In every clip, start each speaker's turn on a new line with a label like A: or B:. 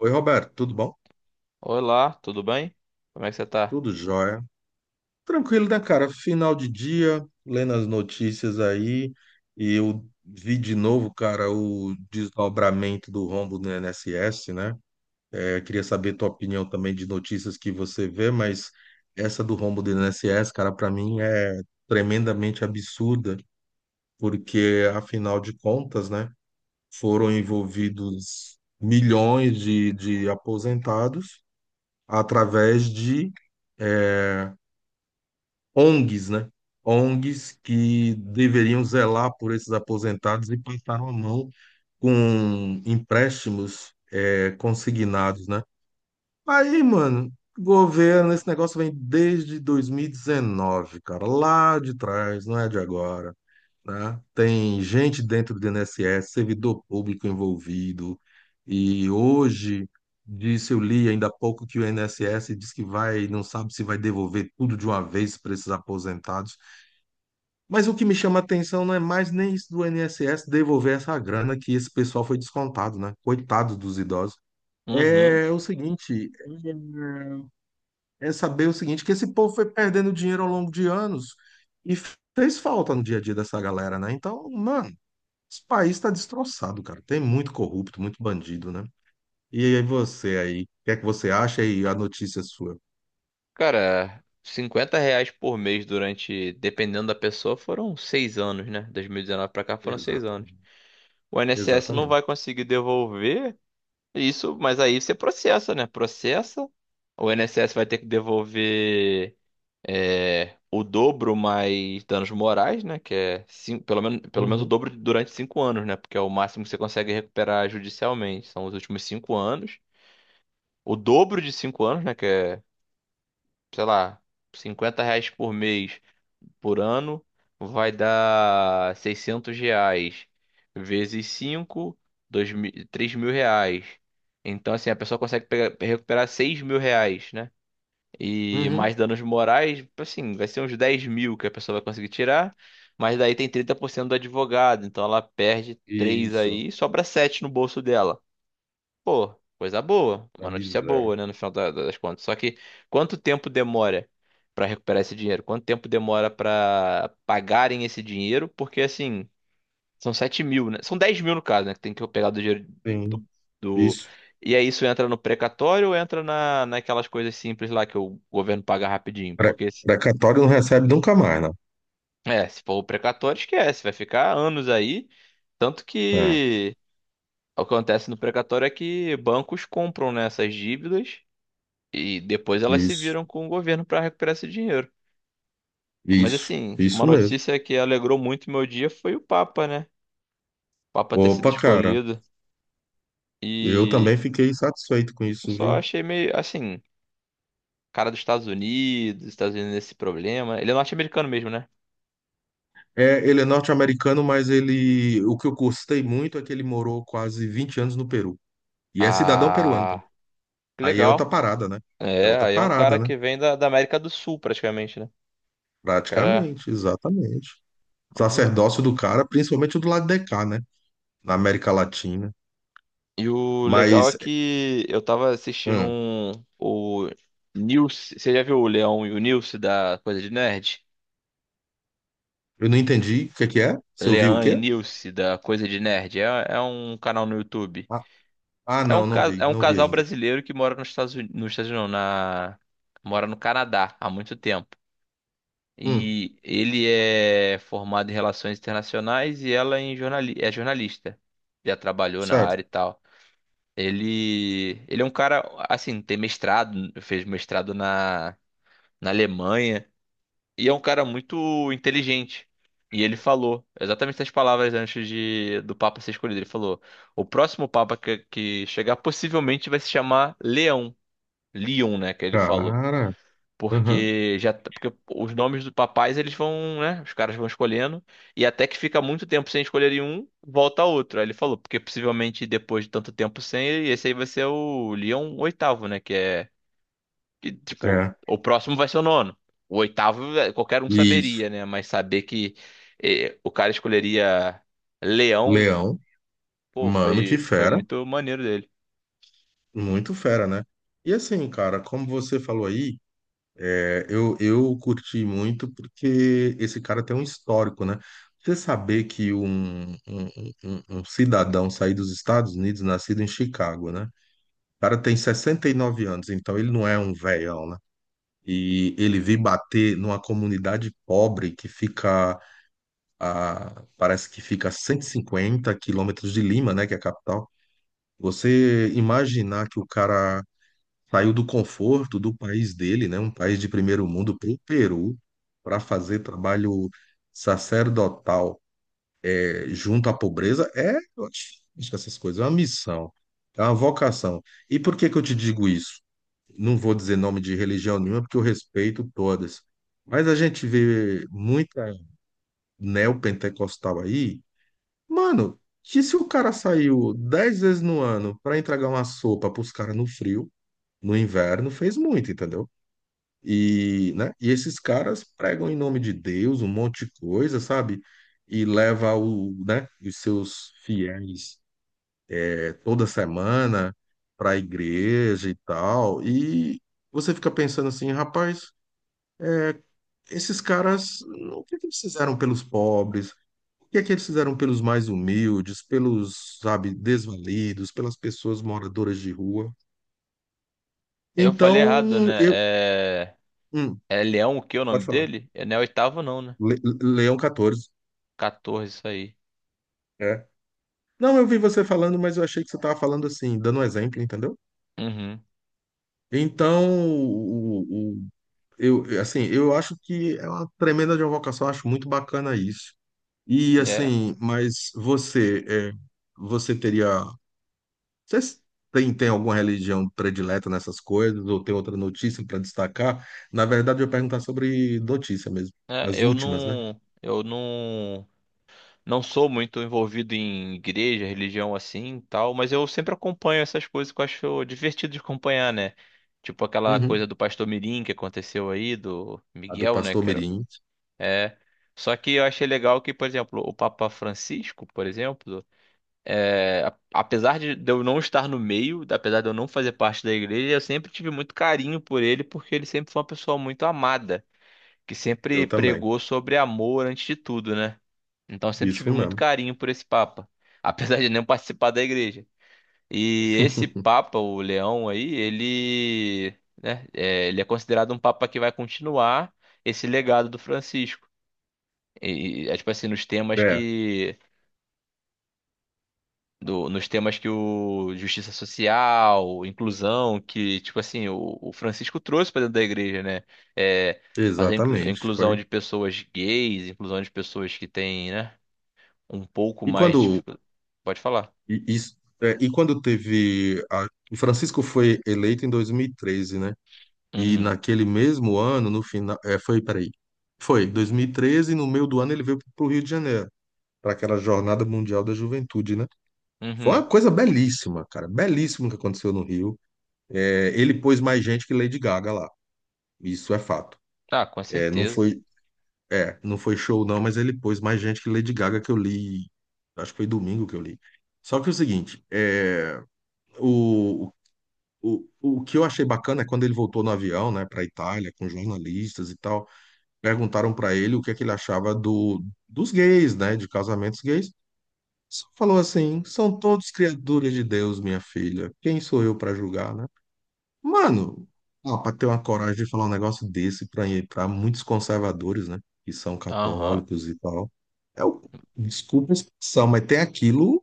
A: Oi, Roberto, tudo bom?
B: Olá, tudo bem? Como é que você tá?
A: Tudo jóia. Tranquilo, né, cara? Final de dia, lendo as notícias aí, e eu vi de novo, cara, o desdobramento do rombo no INSS, né? Eu queria saber tua opinião também de notícias que você vê, mas essa do rombo do INSS, cara, pra mim é tremendamente absurda, porque afinal de contas, né, foram envolvidos milhões de aposentados através de é, ONGs, né? ONGs que deveriam zelar por esses aposentados e passaram a mão com empréstimos consignados, né? Aí, mano, governo, esse negócio vem desde 2019, cara, lá de trás, não é de agora, né? Tem gente dentro do INSS, servidor público envolvido, e hoje, disse, eu li ainda há pouco que o INSS diz que vai, não sabe se vai devolver tudo de uma vez para esses aposentados. Mas o que me chama a atenção não é mais nem isso do INSS devolver essa grana que esse pessoal foi descontado, né? Coitado dos idosos.
B: Uhum.
A: É o seguinte, é, é saber o seguinte, que esse povo foi perdendo dinheiro ao longo de anos e fez falta no dia a dia dessa galera, né? Então, mano, esse país está destroçado, cara. Tem muito corrupto, muito bandido, né? E aí você aí, o que é que você acha e a notícia é sua?
B: Cara, R$ 50 por mês durante, dependendo da pessoa, foram 6 anos, né? 2019 pra cá foram 6 anos.
A: Exatamente.
B: O INSS não
A: Exatamente.
B: vai conseguir devolver isso, mas aí você processa, né? Processa. O INSS vai ter que devolver, o dobro mais danos morais, né? Que é pelo menos o
A: Uhum,
B: dobro durante 5 anos, né? Porque é o máximo que você consegue recuperar judicialmente. São os últimos 5 anos. O dobro de 5 anos, né? Que é, sei lá, R$ 50 por mês por ano, vai dar R$ 600 vezes 5, 2 mil, 3 mil reais. Então, assim, a pessoa consegue recuperar R$ 6.000, né? E mais
A: uhum.
B: danos morais, assim, vai ser uns 10.000 que a pessoa vai conseguir tirar, mas daí tem 30% do advogado, então ela perde 3
A: Isso,
B: aí, sobra 7 no bolso dela. Pô, coisa boa,
A: a
B: uma notícia
A: miséria.
B: boa, né, no final das contas. Só que quanto tempo demora pra recuperar esse dinheiro? Quanto tempo demora pra pagarem esse dinheiro? Porque assim, são 7.000, né? São 10.000 no caso, né? Que tem que eu pegar do dinheiro
A: Sim,
B: do, do-
A: isso.
B: E aí isso entra no precatório ou entra na, naquelas coisas simples lá que o governo paga rapidinho?
A: Pre-
B: Porque, se-
A: Precatório não recebe nunca mais, né?
B: é, se for o precatório, esquece, vai ficar anos aí. Tanto
A: É,
B: que o que acontece no precatório é que bancos compram, né, essas dívidas. E depois elas se
A: isso,
B: viram com o governo para recuperar esse dinheiro. Mas
A: isso,
B: assim, uma
A: isso mesmo.
B: notícia que alegrou muito meu dia foi o Papa, né? O Papa ter sido
A: Opa, cara,
B: escolhido.
A: eu também
B: E
A: fiquei satisfeito com
B: eu
A: isso,
B: só
A: viu?
B: achei meio assim, cara dos Estados Unidos, Estados Unidos nesse problema. Ele é norte-americano mesmo, né?
A: É, ele é norte-americano, mas ele, o que eu gostei muito é que ele morou quase 20 anos no Peru. E é cidadão peruano
B: Ah,
A: também.
B: que
A: Aí é outra
B: legal.
A: parada, né? É
B: É,
A: outra
B: aí é um cara
A: parada, né?
B: que vem da, da América do Sul, praticamente, né? Cara.
A: Praticamente, exatamente.
B: Uhum.
A: Sacerdócio do cara, principalmente o do lado de cá, né? Na América Latina.
B: E o legal é
A: Mas,
B: que eu tava assistindo
A: hum,
B: um, o Nilce. Você já viu o Leão e o Nilce da Coisa de Nerd?
A: eu não entendi o que que é. Você ouviu o
B: Leão e
A: quê?
B: Nilce, da Coisa de Nerd. É um canal no YouTube.
A: Ah, ah,
B: É um,
A: não, não
B: ca-
A: vi,
B: é um
A: não vi
B: casal
A: ainda.
B: brasileiro que mora nos Estados Unidos, não, na, mora no Canadá há muito tempo.
A: Hum,
B: E ele é formado em relações internacionais e ela em é jornalista. Já trabalhou na
A: certo.
B: área e tal. Ele é um cara, assim, tem mestrado, fez mestrado na Alemanha. E é um cara muito inteligente. E ele falou exatamente essas palavras antes do Papa ser escolhido. Ele falou: o próximo Papa que chegar possivelmente vai se chamar Leão. Leon, né? Que ele falou.
A: Cara, aham,
B: Porque os nomes dos papais eles vão, né? Os caras vão escolhendo. E até que fica muito tempo sem escolherem um, volta outro. Aí ele falou: porque possivelmente depois de tanto tempo sem, esse aí vai ser o Leão oitavo, né? Que é que, tipo,
A: é.
B: o próximo vai ser o nono. O oitavo, qualquer um
A: Isso.
B: saberia, né? Mas saber que o cara escolheria Leão,
A: Leão,
B: pô,
A: mano, que
B: foi, foi
A: fera.
B: muito maneiro dele.
A: Muito fera, né? E assim, cara, como você falou aí, eu curti muito porque esse cara tem um histórico, né? Você saber que um cidadão sair dos Estados Unidos, nascido em Chicago, né? O cara tem 69 anos, então ele não é um velhão, né? E ele vir bater numa comunidade pobre que fica parece que fica a 150 quilômetros de Lima, né? Que é a capital. Você imaginar que o cara saiu do conforto do país dele, né, um país de primeiro mundo, para o Peru, para fazer trabalho sacerdotal junto à pobreza, eu acho que essas coisas, é uma missão, é uma vocação. E por que que eu te digo isso? Não vou dizer nome de religião nenhuma, porque eu respeito todas. Mas a gente vê muita neopentecostal aí, mano, que se o cara saiu 10 vezes no ano para entregar uma sopa para os caras no frio, no inverno, fez muito, entendeu? E, né? E esses caras pregam em nome de Deus um monte de coisa, sabe? E leva o, né, os seus fiéis toda semana para a igreja e tal. E você fica pensando assim, rapaz, esses caras, o que que eles fizeram pelos pobres? O que é que eles fizeram pelos mais humildes, pelos, sabe, desvalidos, pelas pessoas moradoras de rua?
B: Eu falei errado,
A: Então,
B: né?
A: eu,
B: É,
A: hum,
B: é Leão o que é o nome
A: Pode falar.
B: dele? É, não é oitavo, não, né?
A: Leão 14.
B: 14, isso aí.
A: Não, eu vi você falando, mas eu achei que você estava falando assim, dando um exemplo, entendeu?
B: Uhum.
A: Então, o, o- eu, assim, eu acho que é uma tremenda de uma vocação, eu acho muito bacana isso. E
B: É.
A: assim, mas você, você teria, você tem alguma religião predileta nessas coisas, ou tem outra notícia para destacar? Na verdade, eu ia perguntar sobre notícia mesmo,
B: É,
A: as
B: eu
A: últimas, né?
B: não. Eu não. Não sou muito envolvido em igreja, religião assim, e tal, mas eu sempre acompanho essas coisas que eu acho divertido de acompanhar, né? Tipo aquela coisa
A: Uhum.
B: do Pastor Mirim que aconteceu aí, do
A: A do
B: Miguel, né,
A: pastor
B: cara?
A: Mirim,
B: É. Só que eu achei legal que, por exemplo, o Papa Francisco, por exemplo, apesar de eu não estar no meio, apesar de eu não fazer parte da igreja, eu sempre tive muito carinho por ele, porque ele sempre foi uma pessoa muito amada, que
A: eu
B: sempre
A: também,
B: pregou sobre amor antes de tudo, né? Então eu sempre
A: isso
B: tive muito
A: mesmo.
B: carinho por esse Papa, apesar de não participar da igreja. E esse Papa, o Leão aí, ele, né, ele é considerado um Papa que vai continuar esse legado do Francisco. E, é tipo assim,
A: É,
B: nos temas que o justiça social, inclusão, que tipo assim, o Francisco trouxe para dentro da igreja, né? É, fazer
A: Exatamente,
B: inclusão
A: foi.
B: de pessoas gays, inclusão de pessoas que têm, né, um pouco
A: E
B: mais de
A: quando
B: dificuldade. Pode falar.
A: e, isso- é, E quando teve o Francisco foi eleito em 2013, né? E
B: Uhum.
A: naquele mesmo ano, no final, peraí, foi 2013 no meio do ano ele veio para o Rio de Janeiro, para aquela Jornada Mundial da Juventude, né? Foi
B: Uhum.
A: uma coisa belíssima, cara, belíssimo que aconteceu no Rio. É, ele pôs mais gente que Lady Gaga lá, isso é fato.
B: Ah, com
A: É,
B: certeza.
A: é, não foi show não, mas ele pôs mais gente que Lady Gaga que eu li, acho que foi domingo que eu li. Só que é o seguinte. É O, o, o que eu achei bacana é quando ele voltou no avião, né, para Itália, com jornalistas e tal, perguntaram para ele o que é que ele achava dos gays, né, de casamentos gays. Só falou assim: são todos criaturas de Deus, minha filha. Quem sou eu para julgar, né? Mano, ah, para ter uma coragem de falar um negócio desse para muitos conservadores, né, que são
B: Aham.
A: católicos e tal, é o, desculpa a expressão, mas tem aquilo,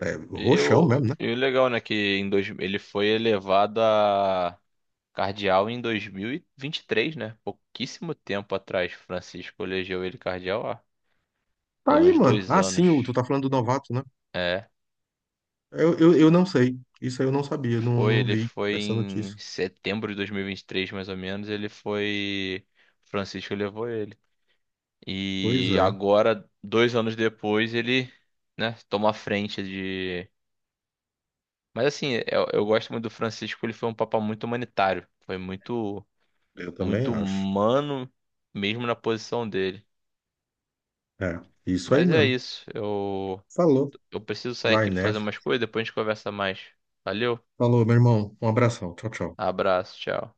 B: E
A: roxão
B: o,
A: mesmo, né?
B: e o legal, né, que ele foi elevado a cardeal em dois mil e vinte e três, né? Pouquíssimo tempo atrás, Francisco elegeu ele cardeal há
A: Tá
B: pelo
A: aí,
B: menos
A: mano.
B: dois
A: Ah,
B: anos.
A: sim, o, tu tá falando do novato, né?
B: É,
A: Eu não sei. Isso aí eu não sabia, não,
B: foi,
A: não
B: ele
A: vi
B: foi
A: essa notícia.
B: em setembro de dois mil e vinte e três mais ou menos, ele foi, Francisco levou ele.
A: Pois
B: E
A: é,
B: agora, 2 anos depois, ele, né, toma a frente. Mas assim, eu gosto muito do Francisco, ele foi um papa muito humanitário. Foi muito,
A: eu também
B: muito
A: acho.
B: humano, mesmo na posição dele.
A: É, isso aí
B: Mas é
A: mesmo.
B: isso, eu,
A: Falou.
B: eu preciso sair
A: Vai
B: aqui pra fazer
A: nessa.
B: umas coisas, depois a gente conversa mais. Valeu,
A: Falou, meu irmão. Um abração. Tchau, tchau.
B: abraço, tchau.